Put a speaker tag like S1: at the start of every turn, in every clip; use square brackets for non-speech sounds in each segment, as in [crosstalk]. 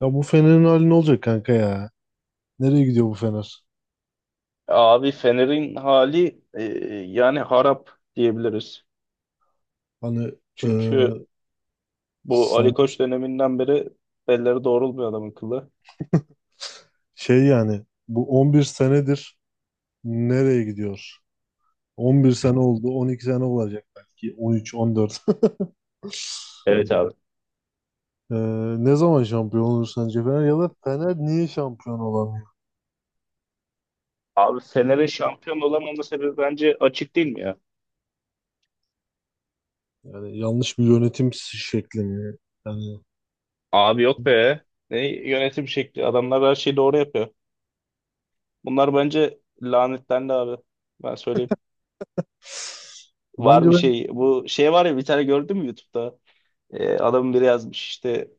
S1: Ya bu Fener'in hali ne olacak kanka ya? Nereye gidiyor bu Fener?
S2: Abi Fener'in hali yani harap diyebiliriz.
S1: Hani e,
S2: Çünkü bu Ali
S1: sana
S2: Koç döneminden beri belleri doğrulmuyor adamın kılı.
S1: şey yani bu 11 senedir nereye gidiyor? 11 sene oldu, 12 sene olacak belki 13, 14. [laughs]
S2: Evet abi.
S1: E, Ne zaman şampiyon olur sence Fener ya da Fener niye şampiyon olamıyor?
S2: Abi Fener'in şampiyon olamama sebebi bence açık değil mi ya?
S1: Yani yanlış bir yönetim şekli mi? Yani
S2: Abi yok be. Ne yönetim şekli. Adamlar her şeyi doğru yapıyor. Bunlar bence lanetlendi abi. Ben söyleyeyim. Var
S1: bence
S2: bir
S1: ben
S2: şey. Bu şey var ya bir tane gördün mü YouTube'da? Adamın biri yazmış işte.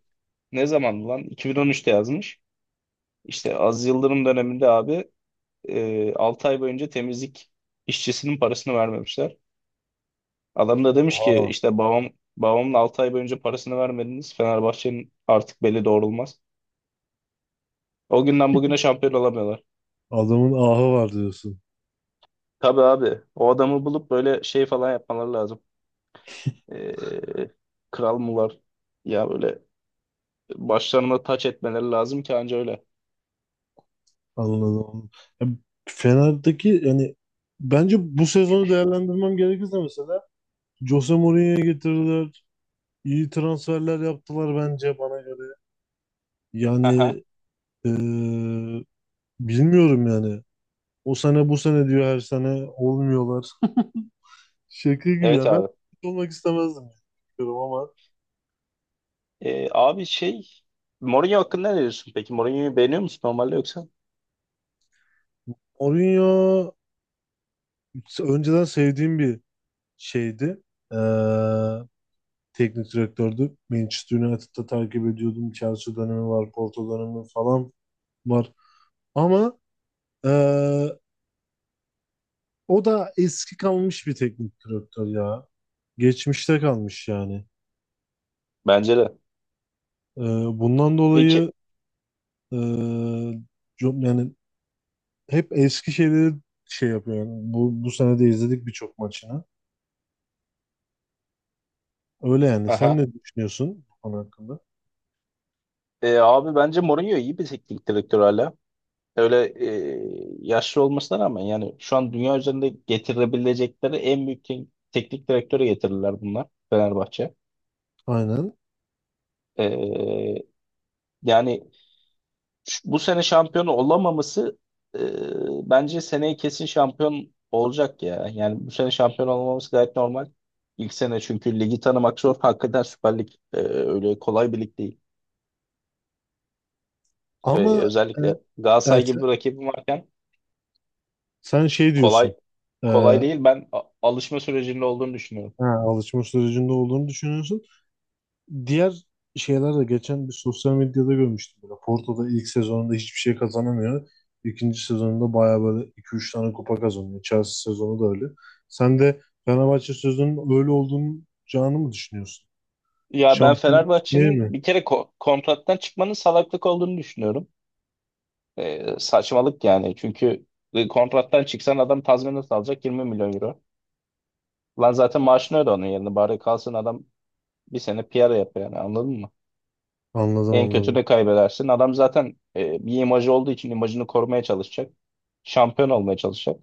S2: Ne zaman lan? 2013'te yazmış. İşte Aziz Yıldırım döneminde abi 6 ay boyunca temizlik işçisinin parasını vermemişler. Adam da demiş ki
S1: aha,
S2: işte babamın 6 ay boyunca parasını vermediniz. Fenerbahçe'nin artık beli doğrulmaz. O günden bugüne şampiyon olamıyorlar.
S1: adamın ahı var diyorsun.
S2: Tabii abi o adamı bulup böyle şey falan yapmaları lazım. Ee, Kral mı var? Ya böyle başlarına taç etmeleri lazım ki anca öyle.
S1: Anladım. Ya, Fener'deki yani bence bu sezonu değerlendirmem gerekirse mesela Jose Mourinho'ya getirdiler. İyi transferler yaptılar bence bana göre.
S2: Aha,
S1: Yani eee, bilmiyorum yani. O sene bu sene diyor her sene olmuyorlar. [laughs] Şaka gibi
S2: evet
S1: ya. Ben
S2: abi.
S1: olmak istemezdim diyorum ama
S2: Abi şey Mourinho hakkında ne diyorsun peki? Mourinho'yu beğeniyor musun normalde yoksa?
S1: Mourinho önceden sevdiğim bir şeydi. Eee Teknik direktördü. Manchester United'da takip ediyordum. Chelsea dönemi var, Porto dönemi falan var. Ama eee, o da eski kalmış bir teknik direktör ya. Geçmişte kalmış yani.
S2: Bence de.
S1: Eee, Bundan dolayı
S2: Peki.
S1: eee, yani hep eski şeyleri şey yapıyor. Yani bu sene de izledik birçok maçını. Öyle yani. Sen
S2: Aha.
S1: ne düşünüyorsun bu konu hakkında?
S2: Abi bence Mourinho iyi bir teknik direktör hala. Öyle yaşlı olmasına rağmen yani şu an dünya üzerinde getirebilecekleri en büyük teknik direktörü getirirler bunlar Fenerbahçe.
S1: Aynen.
S2: E, Yani bu sene şampiyon olamaması, e, bence seneye kesin şampiyon olacak ya. Yani bu sene şampiyon olmaması gayet normal. İlk sene çünkü ligi tanımak zor. [laughs] Hakikaten Süper Lig öyle kolay bir lig değil.
S1: Ama eee,
S2: Özellikle
S1: yani
S2: Galatasaray gibi
S1: sen,
S2: bir rakibim varken
S1: sen şey diyorsun.
S2: kolay kolay değil. Ben alışma sürecinde olduğunu düşünüyorum.
S1: Ha, alışma sürecinde olduğunu düşünüyorsun. Diğer şeyler de geçen bir sosyal medyada görmüştüm. Böyle Porto'da ilk sezonunda hiçbir şey kazanamıyor. İkinci sezonunda bayağı böyle 2-3 tane kupa kazanıyor. Chelsea sezonu da öyle. Sen de Fenerbahçe sezonunun öyle olduğunu canı mı düşünüyorsun?
S2: Ya ben
S1: Şampiyonluk diye mi?
S2: Fenerbahçe'nin bir kere kontrattan çıkmanın salaklık olduğunu düşünüyorum. Saçmalık yani. Çünkü kontrattan çıksan adam tazminat alacak 20 milyon euro. Lan zaten maaşını öde onun yerine. Bari kalsın adam bir sene PR yapıyor yani anladın mı?
S1: Anladım
S2: En kötü
S1: anladım.
S2: de kaybedersin. Adam zaten bir imajı olduğu için imajını korumaya çalışacak. Şampiyon olmaya çalışacak.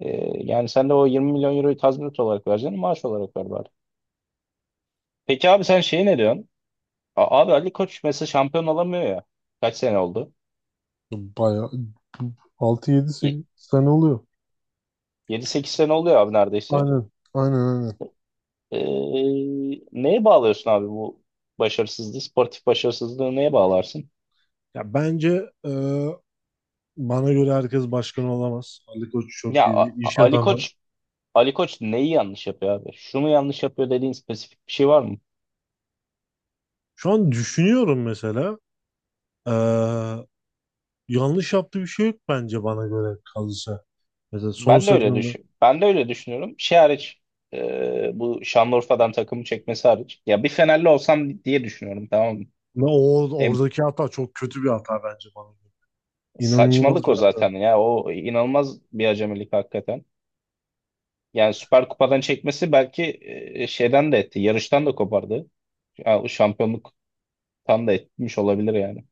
S2: Yani sen de o 20 milyon euroyu tazminat olarak vereceksin, maaş olarak ver bari. Peki abi sen şey ne diyorsun? Abi Ali Koç mesela şampiyon olamıyor ya. Kaç sene oldu?
S1: Bayağı 6-7-8 sene oluyor.
S2: 7 8 sene oluyor abi neredeyse.
S1: Aynen. Aynen, aynen.
S2: Ee, Neye bağlıyorsun abi bu başarısızlığı, sportif başarısızlığı neye bağlarsın?
S1: Ya bence bana göre herkes başkan olamaz. Ali Koç
S2: Ya
S1: çok iyi bir
S2: A-
S1: iş
S2: A- Ali
S1: adamı.
S2: Koç Ali Koç neyi yanlış yapıyor abi? Şunu yanlış yapıyor dediğin spesifik bir şey var mı?
S1: Şu an düşünüyorum mesela. Ee, Yanlış yaptığı bir şey yok bence bana göre kalırsa. Mesela son
S2: Ben de öyle
S1: sezonunda
S2: düşün. Ben de öyle düşünüyorum. Şey hariç, bu Şanlıurfa'dan takımı çekmesi hariç. Ya bir Fenerli olsam diye düşünüyorum, tamam mı?
S1: ve o
S2: E,
S1: oradaki hata çok kötü bir hata bence bana göre. İnanılmaz
S2: Saçmalık o
S1: bir hata.
S2: zaten ya. O inanılmaz bir acemilik hakikaten. Yani Süper Kupa'dan çekmesi belki, şeyden de etti. Yarıştan da kopardı. Ya, o şampiyonluktan da etmiş olabilir yani.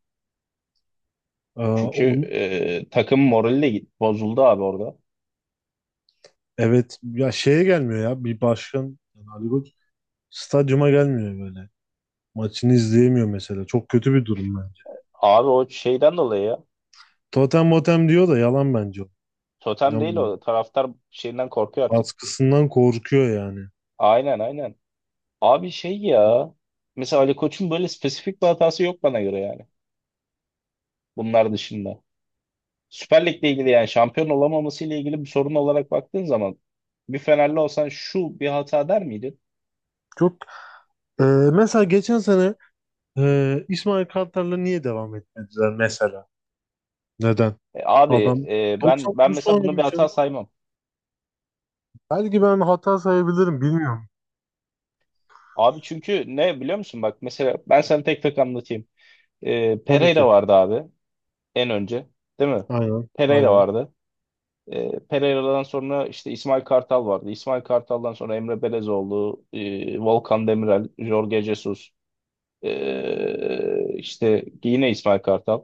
S2: Çünkü
S1: Onun,
S2: takım morali de bozuldu abi orada.
S1: evet ya, şeye gelmiyor ya bir başkan yani Ali Koç stadyuma gelmiyor böyle. Maçını izleyemiyor mesela. Çok kötü bir durum bence.
S2: Abi o şeyden dolayı ya.
S1: Totem motem diyor da yalan bence o.
S2: Totem değil
S1: İnanmıyorum.
S2: o. Taraftar şeyinden korkuyor artık.
S1: Baskısından korkuyor yani.
S2: Aynen, aynen. Abi şey ya. Mesela Ali Koç'un böyle spesifik bir hatası yok bana göre yani. Bunlar dışında. Süper Lig'le ilgili yani şampiyon olamaması ile ilgili bir sorun olarak baktığın zaman, bir Fenerli olsan şu bir hata der miydin?
S1: Çok Ee, Mesela geçen sene İsmail Kartal'la niye devam etmediler mesela? Neden?
S2: Abi
S1: Adam
S2: ben
S1: 99
S2: mesela bunu
S1: puan
S2: bir hata
S1: için.
S2: saymam.
S1: Belki ben hata sayabilirim bilmiyorum.
S2: Abi çünkü ne biliyor musun, bak mesela ben sana tek tek anlatayım.
S1: Tabii
S2: Pereira
S1: ki.
S2: vardı abi en önce, değil mi?
S1: Aynen.
S2: Pereira
S1: Aynen.
S2: vardı. Pereira'dan sonra işte İsmail Kartal vardı. İsmail Kartal'dan sonra Emre Belezoğlu, Volkan Demirel, Jorge Jesus, işte yine İsmail Kartal,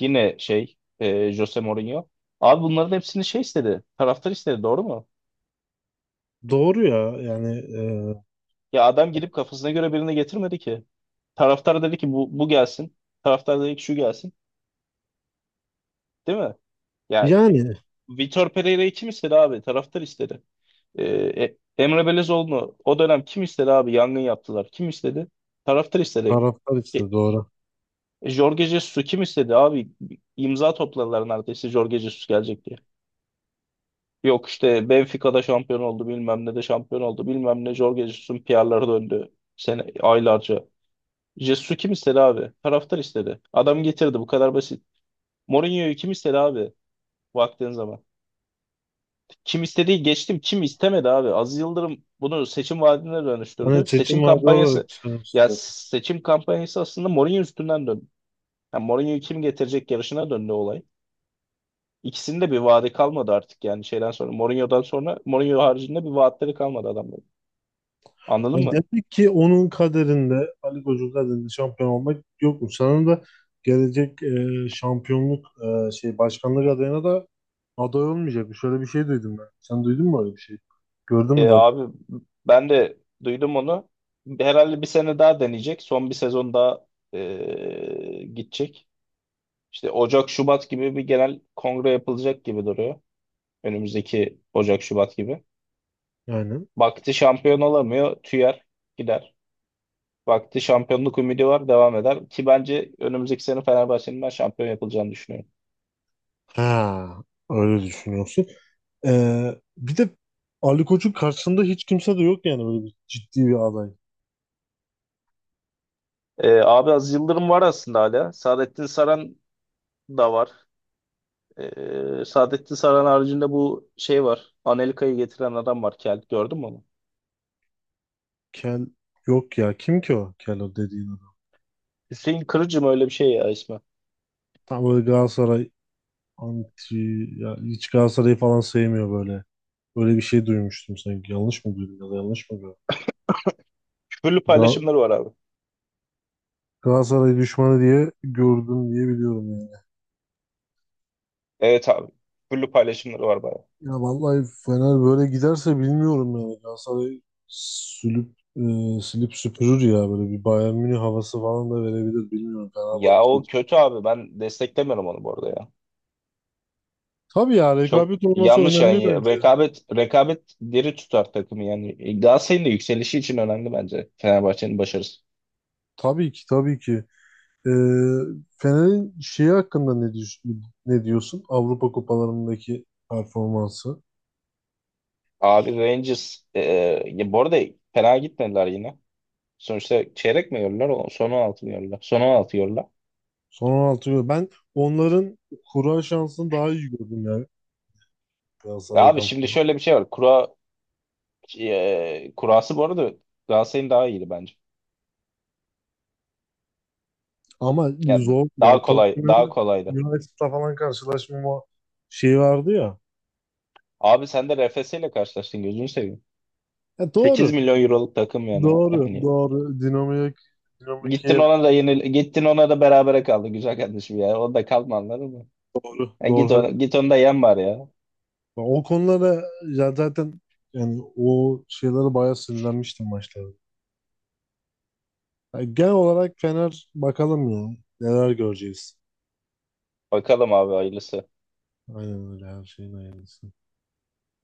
S2: yine şey, Jose Mourinho. Abi bunların hepsini şey istedi, taraftar istedi, doğru mu?
S1: Doğru ya. Yani e,
S2: Ya adam girip kafasına göre birini getirmedi ki. Taraftar dedi ki bu gelsin. Taraftar dedi ki şu gelsin. Değil mi? Ya
S1: yani
S2: Vitor Pereira'yı kim istedi abi? Taraftar istedi. Ee, Emre Belezoğlu'nu o dönem kim istedi abi? Yangın yaptılar. Kim istedi? Taraftar istedi.
S1: taraftar
S2: E,
S1: işte doğru.
S2: Jorge Jesus'u kim istedi abi? İmza topladılar neredeyse Jorge Jesus gelecek diye. Yok işte Benfica'da şampiyon oldu bilmem ne de şampiyon oldu bilmem ne, Jorge Jesus'un PR'ları döndü. Sene, aylarca. Jesus'u kim istedi abi? Taraftar istedi. Adam getirdi, bu kadar basit. Mourinho'yu kim istedi abi? Baktığın zaman. Kim istediği geçtim, kim istemedi abi. Aziz Yıldırım bunu seçim vaadine dönüştürdü.
S1: Hani seçim
S2: Seçim
S1: vaadi olarak
S2: kampanyası,
S1: düşünüyorum
S2: ya
S1: size.
S2: seçim kampanyası aslında Mourinho üstünden döndü. Yani Mourinho'yu kim getirecek yarışına döndü olay. İkisinde bir vaadi kalmadı artık yani şeyden sonra. Mourinho'dan sonra Mourinho haricinde bir vaatleri kalmadı adamların. Anladın
S1: Yani
S2: mı?
S1: demek ki onun kaderinde Ali Koç'un kaderinde şampiyon olmak yokmuş. Sanırım da gelecek şampiyonluk şey başkanlık adayına da aday olmayacak. Şöyle bir şey duydum ben. Sen duydun mu öyle bir şey? Gördün mü
S2: Abi ben de duydum onu. Herhalde bir sene daha deneyecek. Son bir sezon daha gidecek. İşte Ocak Şubat gibi bir genel kongre yapılacak gibi duruyor. Önümüzdeki Ocak Şubat gibi.
S1: yani?
S2: Vakti şampiyon olamıyor, tüyer gider. Vakti şampiyonluk ümidi var, devam eder. Ki bence önümüzdeki sene Fenerbahçe'nin ben şampiyon yapılacağını düşünüyorum.
S1: Ha, öyle düşünüyorsun. Bir de Ali Koç'un karşısında hiç kimse de yok yani böyle bir ciddi bir aday.
S2: Abi az Yıldırım var aslında hala. Saadettin Saran da var. Saadettin Saran haricinde bu şey var. Anelka'yı getiren adam var. Kel. Gördün mü onu?
S1: Kel yok ya. Kim ki o? Kel o dediğin adam.
S2: Hüseyin Kırıcı mı öyle bir şey ya ismi?
S1: Tam böyle Galatasaray anti ya, hiç Galatasaray'ı falan sevmiyor böyle. Böyle bir şey duymuştum sanki. Yanlış mı duydum ya da yanlış mı gördüm?
S2: Küfürlü
S1: Gal
S2: paylaşımları var abi.
S1: Galatasaray düşmanı diye gördüm diye biliyorum yani.
S2: Evet abi. Küfürlü paylaşımları var bayağı.
S1: Ya vallahi Fener böyle giderse bilmiyorum yani. Galatasaray sülüp e, silip süpürür ya böyle bir Bayern Münih havası falan da verebilir, bilmiyorum
S2: Ya
S1: Fenerbahçe
S2: o
S1: için.
S2: kötü abi. Ben desteklemiyorum onu bu arada ya.
S1: Tabii ya,
S2: Çok
S1: rekabet olması
S2: yanlış
S1: önemli
S2: yani.
S1: bence.
S2: Rekabet rekabet diri tutar takımı yani. Galatasaray'ın da yükselişi için önemli bence. Fenerbahçe'nin başarısı.
S1: Tabii ki, tabii ki. E, Fener'in şeyi hakkında ne diyorsun? Avrupa kupalarındaki performansı.
S2: Abi Rangers ya bu arada fena gitmediler yine. Sonuçta çeyrek mi yiyorlar? Son 16 mı yiyorlar? Son 16.
S1: Son 16 yıl. Ben onların kura şansını daha iyi gördüm yani
S2: Ya abi
S1: Galatasaray'dan.
S2: şimdi şöyle bir şey var. Kura, kurası bu arada Galatasaray'ın daha iyiydi bence.
S1: Ama
S2: Yani
S1: zor ya.
S2: daha kolay, daha
S1: Tottenham'la
S2: kolaydı.
S1: United'la falan karşılaşmama şey vardı ya.
S2: Abi sen de RFS ile karşılaştın, gözünü seveyim. 8
S1: Doğru.
S2: milyon euroluk takım yani.
S1: Doğru.
S2: Hani
S1: Doğru. Dinamo
S2: gittin
S1: Kiev
S2: ona da yenil, gittin ona da berabere kaldı güzel kardeşim ya. O da kalma, anladın mı?
S1: doğru.
S2: Yani
S1: Doğru.
S2: git ona,
S1: Haklı.
S2: git onu da yen bari ya.
S1: O konulara ya zaten yani o şeylere bayağı sinirlenmiştim maçlarda. Yani genel olarak Fener bakalım ya. Neler göreceğiz.
S2: Bakalım abi hayırlısı.
S1: Aynen öyle, her şeyin aynısı.